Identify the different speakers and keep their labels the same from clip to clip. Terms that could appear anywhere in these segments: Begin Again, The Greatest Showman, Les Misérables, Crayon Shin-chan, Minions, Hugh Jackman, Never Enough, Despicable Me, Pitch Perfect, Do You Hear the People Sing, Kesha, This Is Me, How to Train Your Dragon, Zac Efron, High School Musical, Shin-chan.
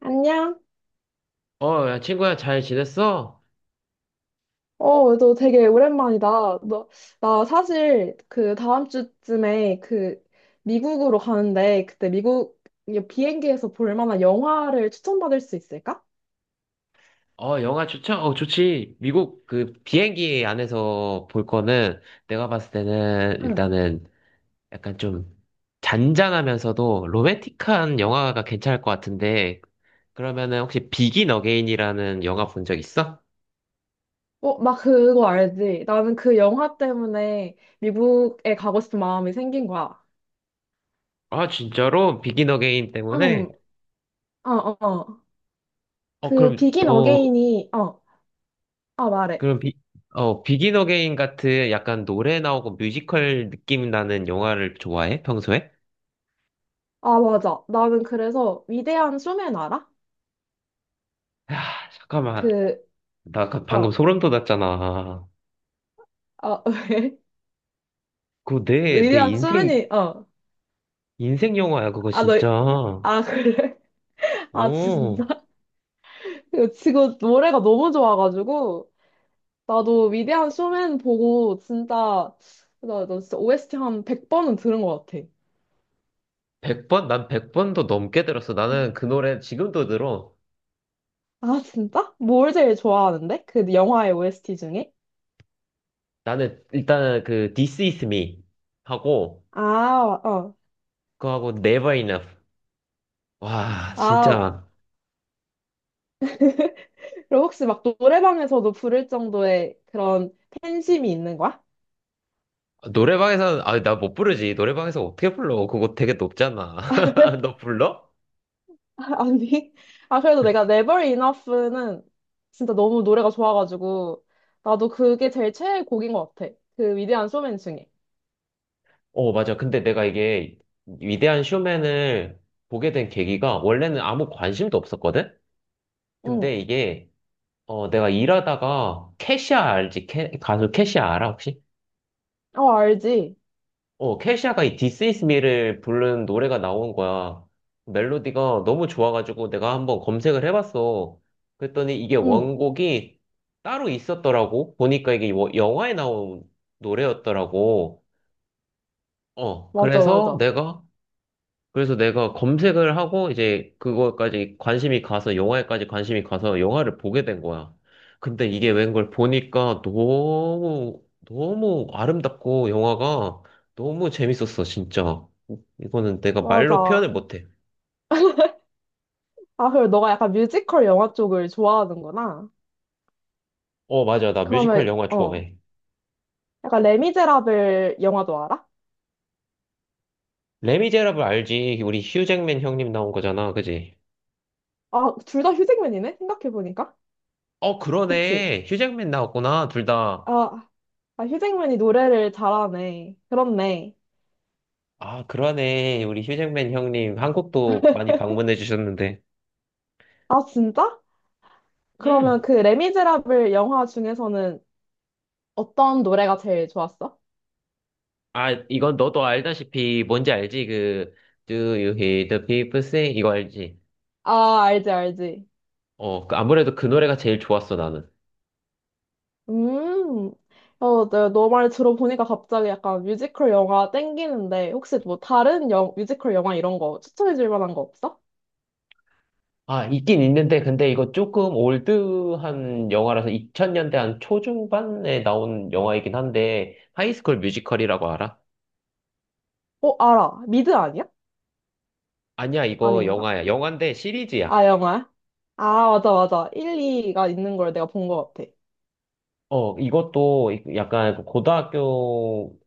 Speaker 1: 안녕?
Speaker 2: 어, 야, 친구야, 잘 지냈어?
Speaker 1: 어, 너 되게 오랜만이다. 너, 나 사실 다음 주쯤에 미국으로 가는데 그때 미국 비행기에서 볼 만한 영화를 추천받을 수 있을까?
Speaker 2: 어, 영화 추천? 어, 좋지. 미국 그 비행기 안에서 볼 거는 내가 봤을 때는
Speaker 1: 응.
Speaker 2: 일단은 약간 좀 잔잔하면서도 로맨틱한 영화가 괜찮을 것 같은데, 그러면은 혹시 비긴 어게인이라는 영화 본 적 있어?
Speaker 1: 어, 나 그거 알지? 나는 그 영화 때문에 미국에 가고 싶은 마음이 생긴 거야.
Speaker 2: 아, 진짜로? 비긴 어게인
Speaker 1: 응,
Speaker 2: 때문에?
Speaker 1: 어.
Speaker 2: 어,
Speaker 1: 그
Speaker 2: 그럼
Speaker 1: 비긴
Speaker 2: 또,
Speaker 1: 어게인이, 아, 말해.
Speaker 2: 그럼 비, 비긴 어게인 같은 약간 노래 나오고 뮤지컬 느낌 나는 영화를 좋아해? 평소에?
Speaker 1: 아, 맞아. 나는 그래서 위대한 쇼맨 알아?
Speaker 2: 야, 잠깐만.
Speaker 1: 그,
Speaker 2: 나 아까 방금
Speaker 1: 어,
Speaker 2: 소름 돋았잖아.
Speaker 1: 아, 왜?
Speaker 2: 그거 내
Speaker 1: 위대한
Speaker 2: 인생,
Speaker 1: 쇼맨이, 어.
Speaker 2: 인생 영화야, 그거
Speaker 1: 아, 너,
Speaker 2: 진짜.
Speaker 1: 아, 그래? 아,
Speaker 2: 어,
Speaker 1: 진짜? 이거 지금 노래가 너무 좋아가지고, 나도 위대한 쇼맨 보고, 진짜, 나 진짜 OST 한 100번은 들은 것 같아.
Speaker 2: 100번, 난 100번도 넘게 들었어. 나는 그 노래 지금도 들어.
Speaker 1: 아, 진짜? 뭘 제일 좋아하는데? 그 영화의 OST 중에?
Speaker 2: 나는 일단은 그 This Is Me 하고,
Speaker 1: 아, 어.
Speaker 2: 그거하고 Never Enough. 와,
Speaker 1: 아,
Speaker 2: 진짜.
Speaker 1: 그럼 혹시 막 노래방에서도 부를 정도의 그런 팬심이 있는 거야?
Speaker 2: 노래방에서는, 아, 나 못 부르지. 노래방에서 어떻게 불러? 그거 되게 높잖아. 너 불러?
Speaker 1: 아니, 아, 그래도 내가 Never Enough는 진짜 너무 노래가 좋아가지고, 나도 그게 제일 최애 곡인 것 같아. 그 위대한 쇼맨 중에.
Speaker 2: 어, 맞아. 근데 내가 이게 위대한 쇼맨을 보게 된 계기가 원래는 아무 관심도 없었거든?
Speaker 1: 응.
Speaker 2: 근데 이게 어 내가 일하다가 캐시아 알지? 가수 캐시아 알아 혹시?
Speaker 1: 어, 알지?
Speaker 2: 어 캐시아가 이 This Is Me를 부른 노래가 나온 거야. 멜로디가 너무 좋아가지고 내가 한번 검색을 해봤어. 그랬더니 이게
Speaker 1: 응.
Speaker 2: 원곡이 따로 있었더라고. 보니까 이게 뭐 영화에 나온 노래였더라고. 어
Speaker 1: 맞아,
Speaker 2: 그래서
Speaker 1: 맞아.
Speaker 2: 내가 검색을 하고 이제 그거까지 관심이 가서 영화에까지 관심이 가서 영화를 보게 된 거야. 근데 이게 웬걸, 보니까 너무 너무 아름답고 영화가 너무 재밌었어, 진짜. 이거는 내가 말로
Speaker 1: 맞아.
Speaker 2: 표현을 못해.
Speaker 1: 아, 그리고 너가 약간 뮤지컬 영화 쪽을 좋아하는구나.
Speaker 2: 어, 맞아. 나 뮤지컬
Speaker 1: 그러면,
Speaker 2: 영화
Speaker 1: 어.
Speaker 2: 좋아해.
Speaker 1: 약간 레미제라블 영화도 알아?
Speaker 2: 레미제라블 알지? 우리 휴잭맨 형님 나온 거잖아, 그지?
Speaker 1: 아, 둘 다 휴잭맨이네? 생각해보니까.
Speaker 2: 어,
Speaker 1: 그치?
Speaker 2: 그러네. 휴잭맨 나왔구나, 둘 다.
Speaker 1: 아, 아, 휴잭맨이 노래를 잘하네. 그렇네.
Speaker 2: 아, 그러네. 우리 휴잭맨 형님 한국도 많이 방문해 주셨는데.
Speaker 1: 아, 진짜?
Speaker 2: 음.
Speaker 1: 그러면 그 레미제라블 영화 중에서는 어떤 노래가 제일 좋았어?
Speaker 2: 아, 이건 너도 알다시피 뭔지 알지? 그 Do you hear the people sing? 이거 알지?
Speaker 1: 아, 알지, 알지.
Speaker 2: 어, 그 아무래도 그 노래가 제일 좋았어, 나는.
Speaker 1: 음, 어, 네, 너말 들어보니까 갑자기 약간 뮤지컬 영화 땡기는데, 혹시 뭐 다른 영, 뮤지컬 영화 이런 거 추천해줄 만한 거 없어?
Speaker 2: 아, 있긴 있는데 근데 이거 조금 올드한 영화라서 2000년대 한 초중반에 나온 영화이긴 한데, 하이스쿨 뮤지컬이라고 알아?
Speaker 1: 어, 알아. 미드 아니야?
Speaker 2: 아니야, 이거
Speaker 1: 아닌가?
Speaker 2: 영화야. 영화인데 시리즈야.
Speaker 1: 아, 영화야? 아, 맞아, 맞아. 일 이가 있는 걸 내가 본 것 같아.
Speaker 2: 어, 이것도 약간 고등학교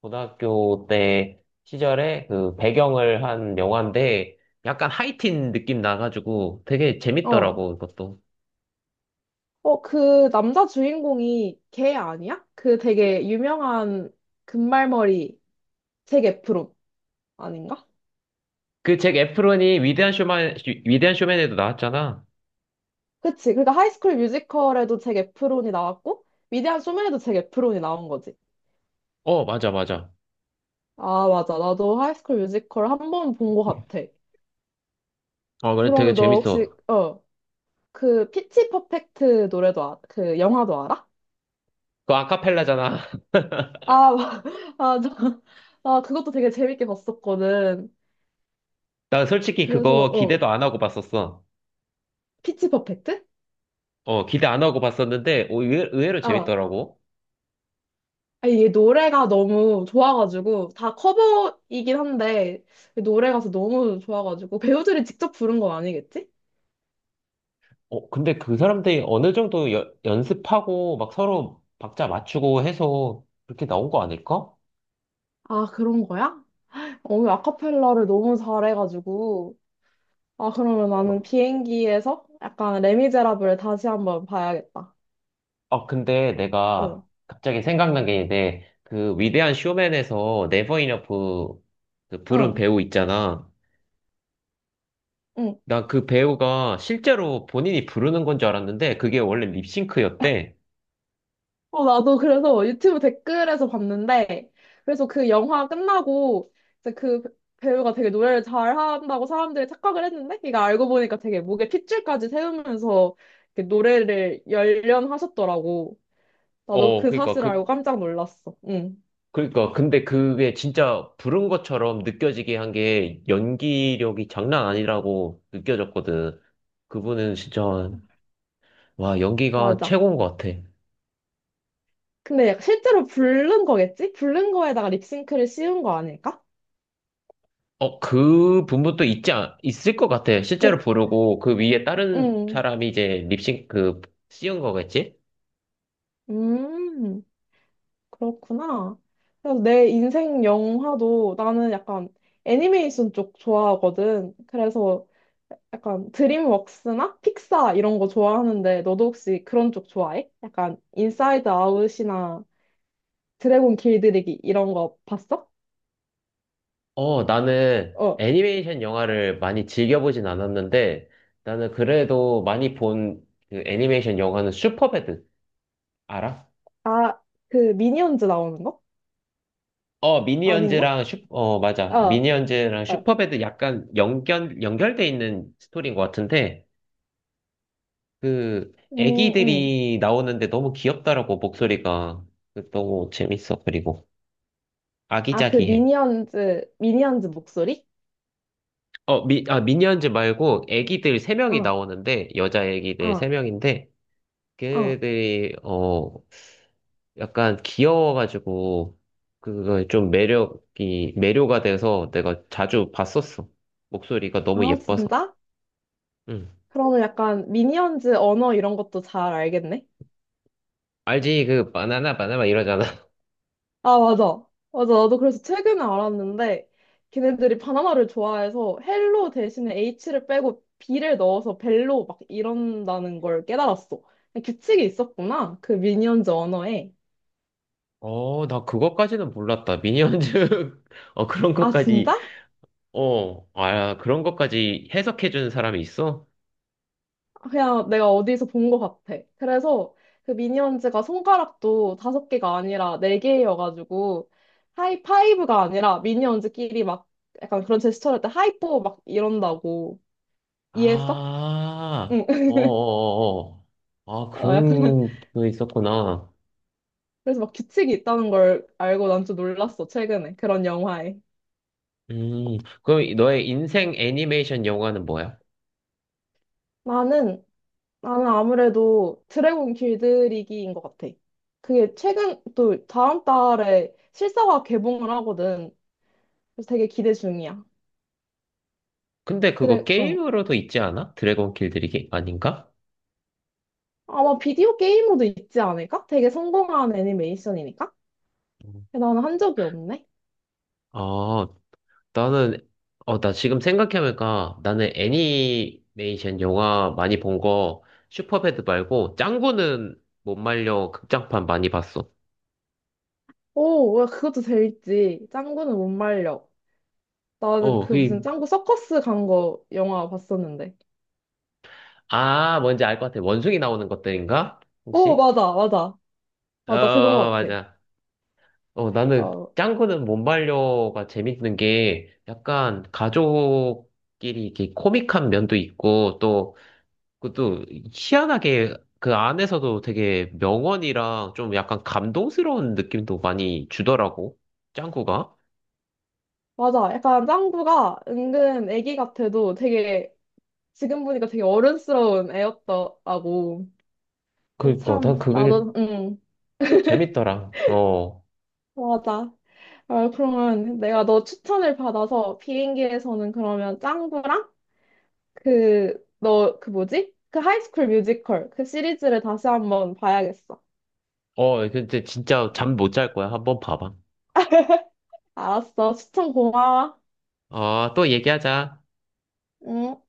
Speaker 2: 고등학교 때 시절에 그 배경을 한 영화인데 약간 하이틴 느낌 나가지고 되게
Speaker 1: 어.
Speaker 2: 재밌더라고, 이것도.
Speaker 1: 어, 그 남자 주인공이 걔 아니야? 그 되게 유명한 금발머리 잭 에프론. 아닌가?
Speaker 2: 그 잭 에프론이 위대한 쇼맨, 위대한 쇼맨에도 나왔잖아.
Speaker 1: 그치. 그러니까 하이스쿨 뮤지컬에도 잭 에프론이 나왔고, 위대한 쇼맨에도 잭 에프론이 나온 거지.
Speaker 2: 어, 맞아, 맞아.
Speaker 1: 아, 맞아. 나도 하이스쿨 뮤지컬 한 번 본 거 같아.
Speaker 2: 어, 그래, 되게
Speaker 1: 그러면 너 혹시,
Speaker 2: 재밌어.
Speaker 1: 어, 그 피치 퍼펙트 노래도, 아, 그 영화도 알아?
Speaker 2: 그거 아카펠라잖아.
Speaker 1: 아, 맞아. 아, 저, 아, 그것도 되게 재밌게 봤었거든.
Speaker 2: 나 솔직히
Speaker 1: 그래서,
Speaker 2: 그거
Speaker 1: 어,
Speaker 2: 기대도 안 하고 봤었어.
Speaker 1: 피치 퍼펙트?
Speaker 2: 어, 기대 안 하고 봤었는데, 의외로
Speaker 1: 아,
Speaker 2: 재밌더라고.
Speaker 1: 아 이게 노래가 너무 좋아가지고, 다 커버이긴 한데, 노래가서 너무 좋아가지고, 배우들이 직접 부른 건 아니겠지?
Speaker 2: 어, 근데 그 사람들이 어느 정도 연습하고 막 서로 박자 맞추고 해서 그렇게 나온 거 아닐까?
Speaker 1: 아, 그런 거야? 오늘 아카펠라를 너무 잘해가지고. 아, 그러면 나는 비행기에서 약간 레미제라블 다시 한번 봐야겠다.
Speaker 2: 어, 근데
Speaker 1: 응,
Speaker 2: 내가 갑자기 생각난 게 있는데, 그 위대한 쇼맨에서 네버 이너프 그 부른
Speaker 1: 응,
Speaker 2: 배우 있잖아.
Speaker 1: 응.
Speaker 2: 나 그 배우가 실제로 본인이 부르는 건 줄 알았는데, 그게 원래 립싱크였대.
Speaker 1: 어, 나도 그래서 유튜브 댓글에서 봤는데, 그래서 그 영화 끝나고, 이제 그 배우가 되게 노래를 잘한다고 사람들이 착각을 했는데, 이거 알고 보니까 되게 목에 핏줄까지 세우면서 이렇게 노래를 열연하셨더라고. 나도
Speaker 2: 어,
Speaker 1: 그
Speaker 2: 그니까,
Speaker 1: 사실 알고
Speaker 2: 그,
Speaker 1: 깜짝 놀랐어. 응,
Speaker 2: 그니까, 근데 그게 진짜 부른 것처럼 느껴지게 한 게 연기력이 장난 아니라고 느껴졌거든. 그분은 진짜, 와, 연기가
Speaker 1: 맞아.
Speaker 2: 최고인 것 같아.
Speaker 1: 근데 약간 실제로 부른 거겠지? 부른 거에다가 립싱크를 씌운 거 아닐까?
Speaker 2: 어, 그 부분도 있지, 있을 것 같아. 실제로
Speaker 1: 그,
Speaker 2: 부르고, 그 위에 다른
Speaker 1: 음,
Speaker 2: 사람이 이제 씌운 거겠지?
Speaker 1: 음, 그렇구나. 그래서 내 인생 영화도 나는 약간 애니메이션 쪽 좋아하거든. 그래서 약간 드림웍스나 픽사 이런 거 좋아하는데 너도 혹시 그런 쪽 좋아해? 약간 인사이드 아웃이나 드래곤 길들이기 이런 거 봤어?
Speaker 2: 어, 나는
Speaker 1: 어,
Speaker 2: 애니메이션 영화를 많이 즐겨보진 않았는데, 나는 그래도 많이 본 그 애니메이션 영화는 슈퍼배드. 알아?
Speaker 1: 아, 그 미니언즈 나오는 거?
Speaker 2: 어,
Speaker 1: 아닌가?
Speaker 2: 미니언즈랑 맞아.
Speaker 1: 어,
Speaker 2: 미니언즈랑
Speaker 1: 어.
Speaker 2: 슈퍼배드 약간 연결돼 있는 스토리인 것 같은데, 그,
Speaker 1: 음, 음.
Speaker 2: 애기들이 나오는데 너무 귀엽더라고, 목소리가. 그, 너무 재밌어, 그리고.
Speaker 1: 아, 그
Speaker 2: 아기자기해.
Speaker 1: 미니언즈 목소리?
Speaker 2: 어, 미니언즈 말고 애기들 세명이
Speaker 1: 어,
Speaker 2: 나오는데, 여자 애기들
Speaker 1: 어,
Speaker 2: 세명인데
Speaker 1: 어.
Speaker 2: 걔네들이, 약간 귀여워가지고, 그거 좀 매력이, 매료가 돼서 내가 자주 봤었어. 목소리가 너무
Speaker 1: 아,
Speaker 2: 예뻐서.
Speaker 1: 진짜?
Speaker 2: 응.
Speaker 1: 그러면 약간 미니언즈 언어 이런 것도 잘 알겠네?
Speaker 2: 알지? 그, 바나나, 바나나 이러잖아.
Speaker 1: 아, 맞아. 맞아. 나도 그래서 최근에 알았는데, 걔네들이 바나나를 좋아해서 헬로 대신에 H를 빼고 B를 넣어서 벨로 막 이런다는 걸 깨달았어. 규칙이 있었구나. 그 미니언즈 언어에.
Speaker 2: 어, 나 그것까지는 몰랐다. 미니언즈, 어, 그런
Speaker 1: 아,
Speaker 2: 것까지,
Speaker 1: 진짜?
Speaker 2: 그런 것까지 해석해주는 사람이 있어?
Speaker 1: 그냥 내가 어디서 본 것 같아. 그래서 그 미니언즈가 손가락도 다섯 개가 아니라 네 개여가지고 하이파이브가 아니라 미니언즈끼리 막 약간 그런 제스처를 할 때 하이포 막 이런다고 이해했어?
Speaker 2: 아,
Speaker 1: 응.
Speaker 2: 어어어어. 아,
Speaker 1: 어, 약간
Speaker 2: 그런 거 있었구나.
Speaker 1: 그래서 막 규칙이 있다는 걸 알고 난 좀 놀랐어 최근에 그런 영화에.
Speaker 2: 음, 그럼 너의 인생 애니메이션 영화는 뭐야?
Speaker 1: 나는 나는 아무래도 드래곤 길들이기인 것 같아. 그게 최근 또 다음 달에 실사화 개봉을 하거든. 그래서 되게 기대 중이야.
Speaker 2: 근데
Speaker 1: 드
Speaker 2: 그거
Speaker 1: 래 응.
Speaker 2: 게임으로도 있지 않아? 드래곤 길들이기? 아닌가?
Speaker 1: 아마 비디오 게임으로도 있지 않을까? 되게 성공한 애니메이션이니까?
Speaker 2: 음.
Speaker 1: 나는 한 적이 없네.
Speaker 2: 아, 나는, 나 지금 생각해보니까 나는 애니메이션 영화 많이 본 거, 슈퍼배드 말고, 짱구는 못 말려 극장판 많이 봤어.
Speaker 1: 오, 야, 그것도 재밌지. 짱구는 못 말려. 나는
Speaker 2: 어,
Speaker 1: 그 무슨
Speaker 2: 그,
Speaker 1: 짱구 서커스 간 거 영화 봤었는데.
Speaker 2: 뭔지 알 것 같아. 원숭이 나오는 것들인가?
Speaker 1: 오,
Speaker 2: 혹시?
Speaker 1: 맞아, 맞아.
Speaker 2: 어,
Speaker 1: 맞아, 그건 것 같아.
Speaker 2: 맞아. 어, 나는
Speaker 1: 어,
Speaker 2: 짱구는 몸발려가 재밌는 게 약간 가족끼리 이렇게 코믹한 면도 있고 또, 그것도 희한하게 그 안에서도 되게 명언이랑 좀 약간 감동스러운 느낌도 많이 주더라고. 짱구가.
Speaker 1: 맞아. 약간 짱구가 은근 애기 같아도 되게, 지금 보니까 되게 어른스러운 애였더라고.
Speaker 2: 그니까, 난
Speaker 1: 참,
Speaker 2: 그게
Speaker 1: 나도, 응,
Speaker 2: 재밌더라. 어.
Speaker 1: 맞아. 어, 그러면 내가 너 추천을 받아서 비행기에서는 그러면 짱구랑 그, 너, 그 뭐지? 그 하이스쿨 뮤지컬. 그 시리즈를 다시 한번 봐야겠어.
Speaker 2: 어, 근데 진짜
Speaker 1: 응.
Speaker 2: 잠 못 잘 거야. 한번 봐봐.
Speaker 1: 알았어. 추천 고마워.
Speaker 2: 어, 또 얘기하자.
Speaker 1: 음.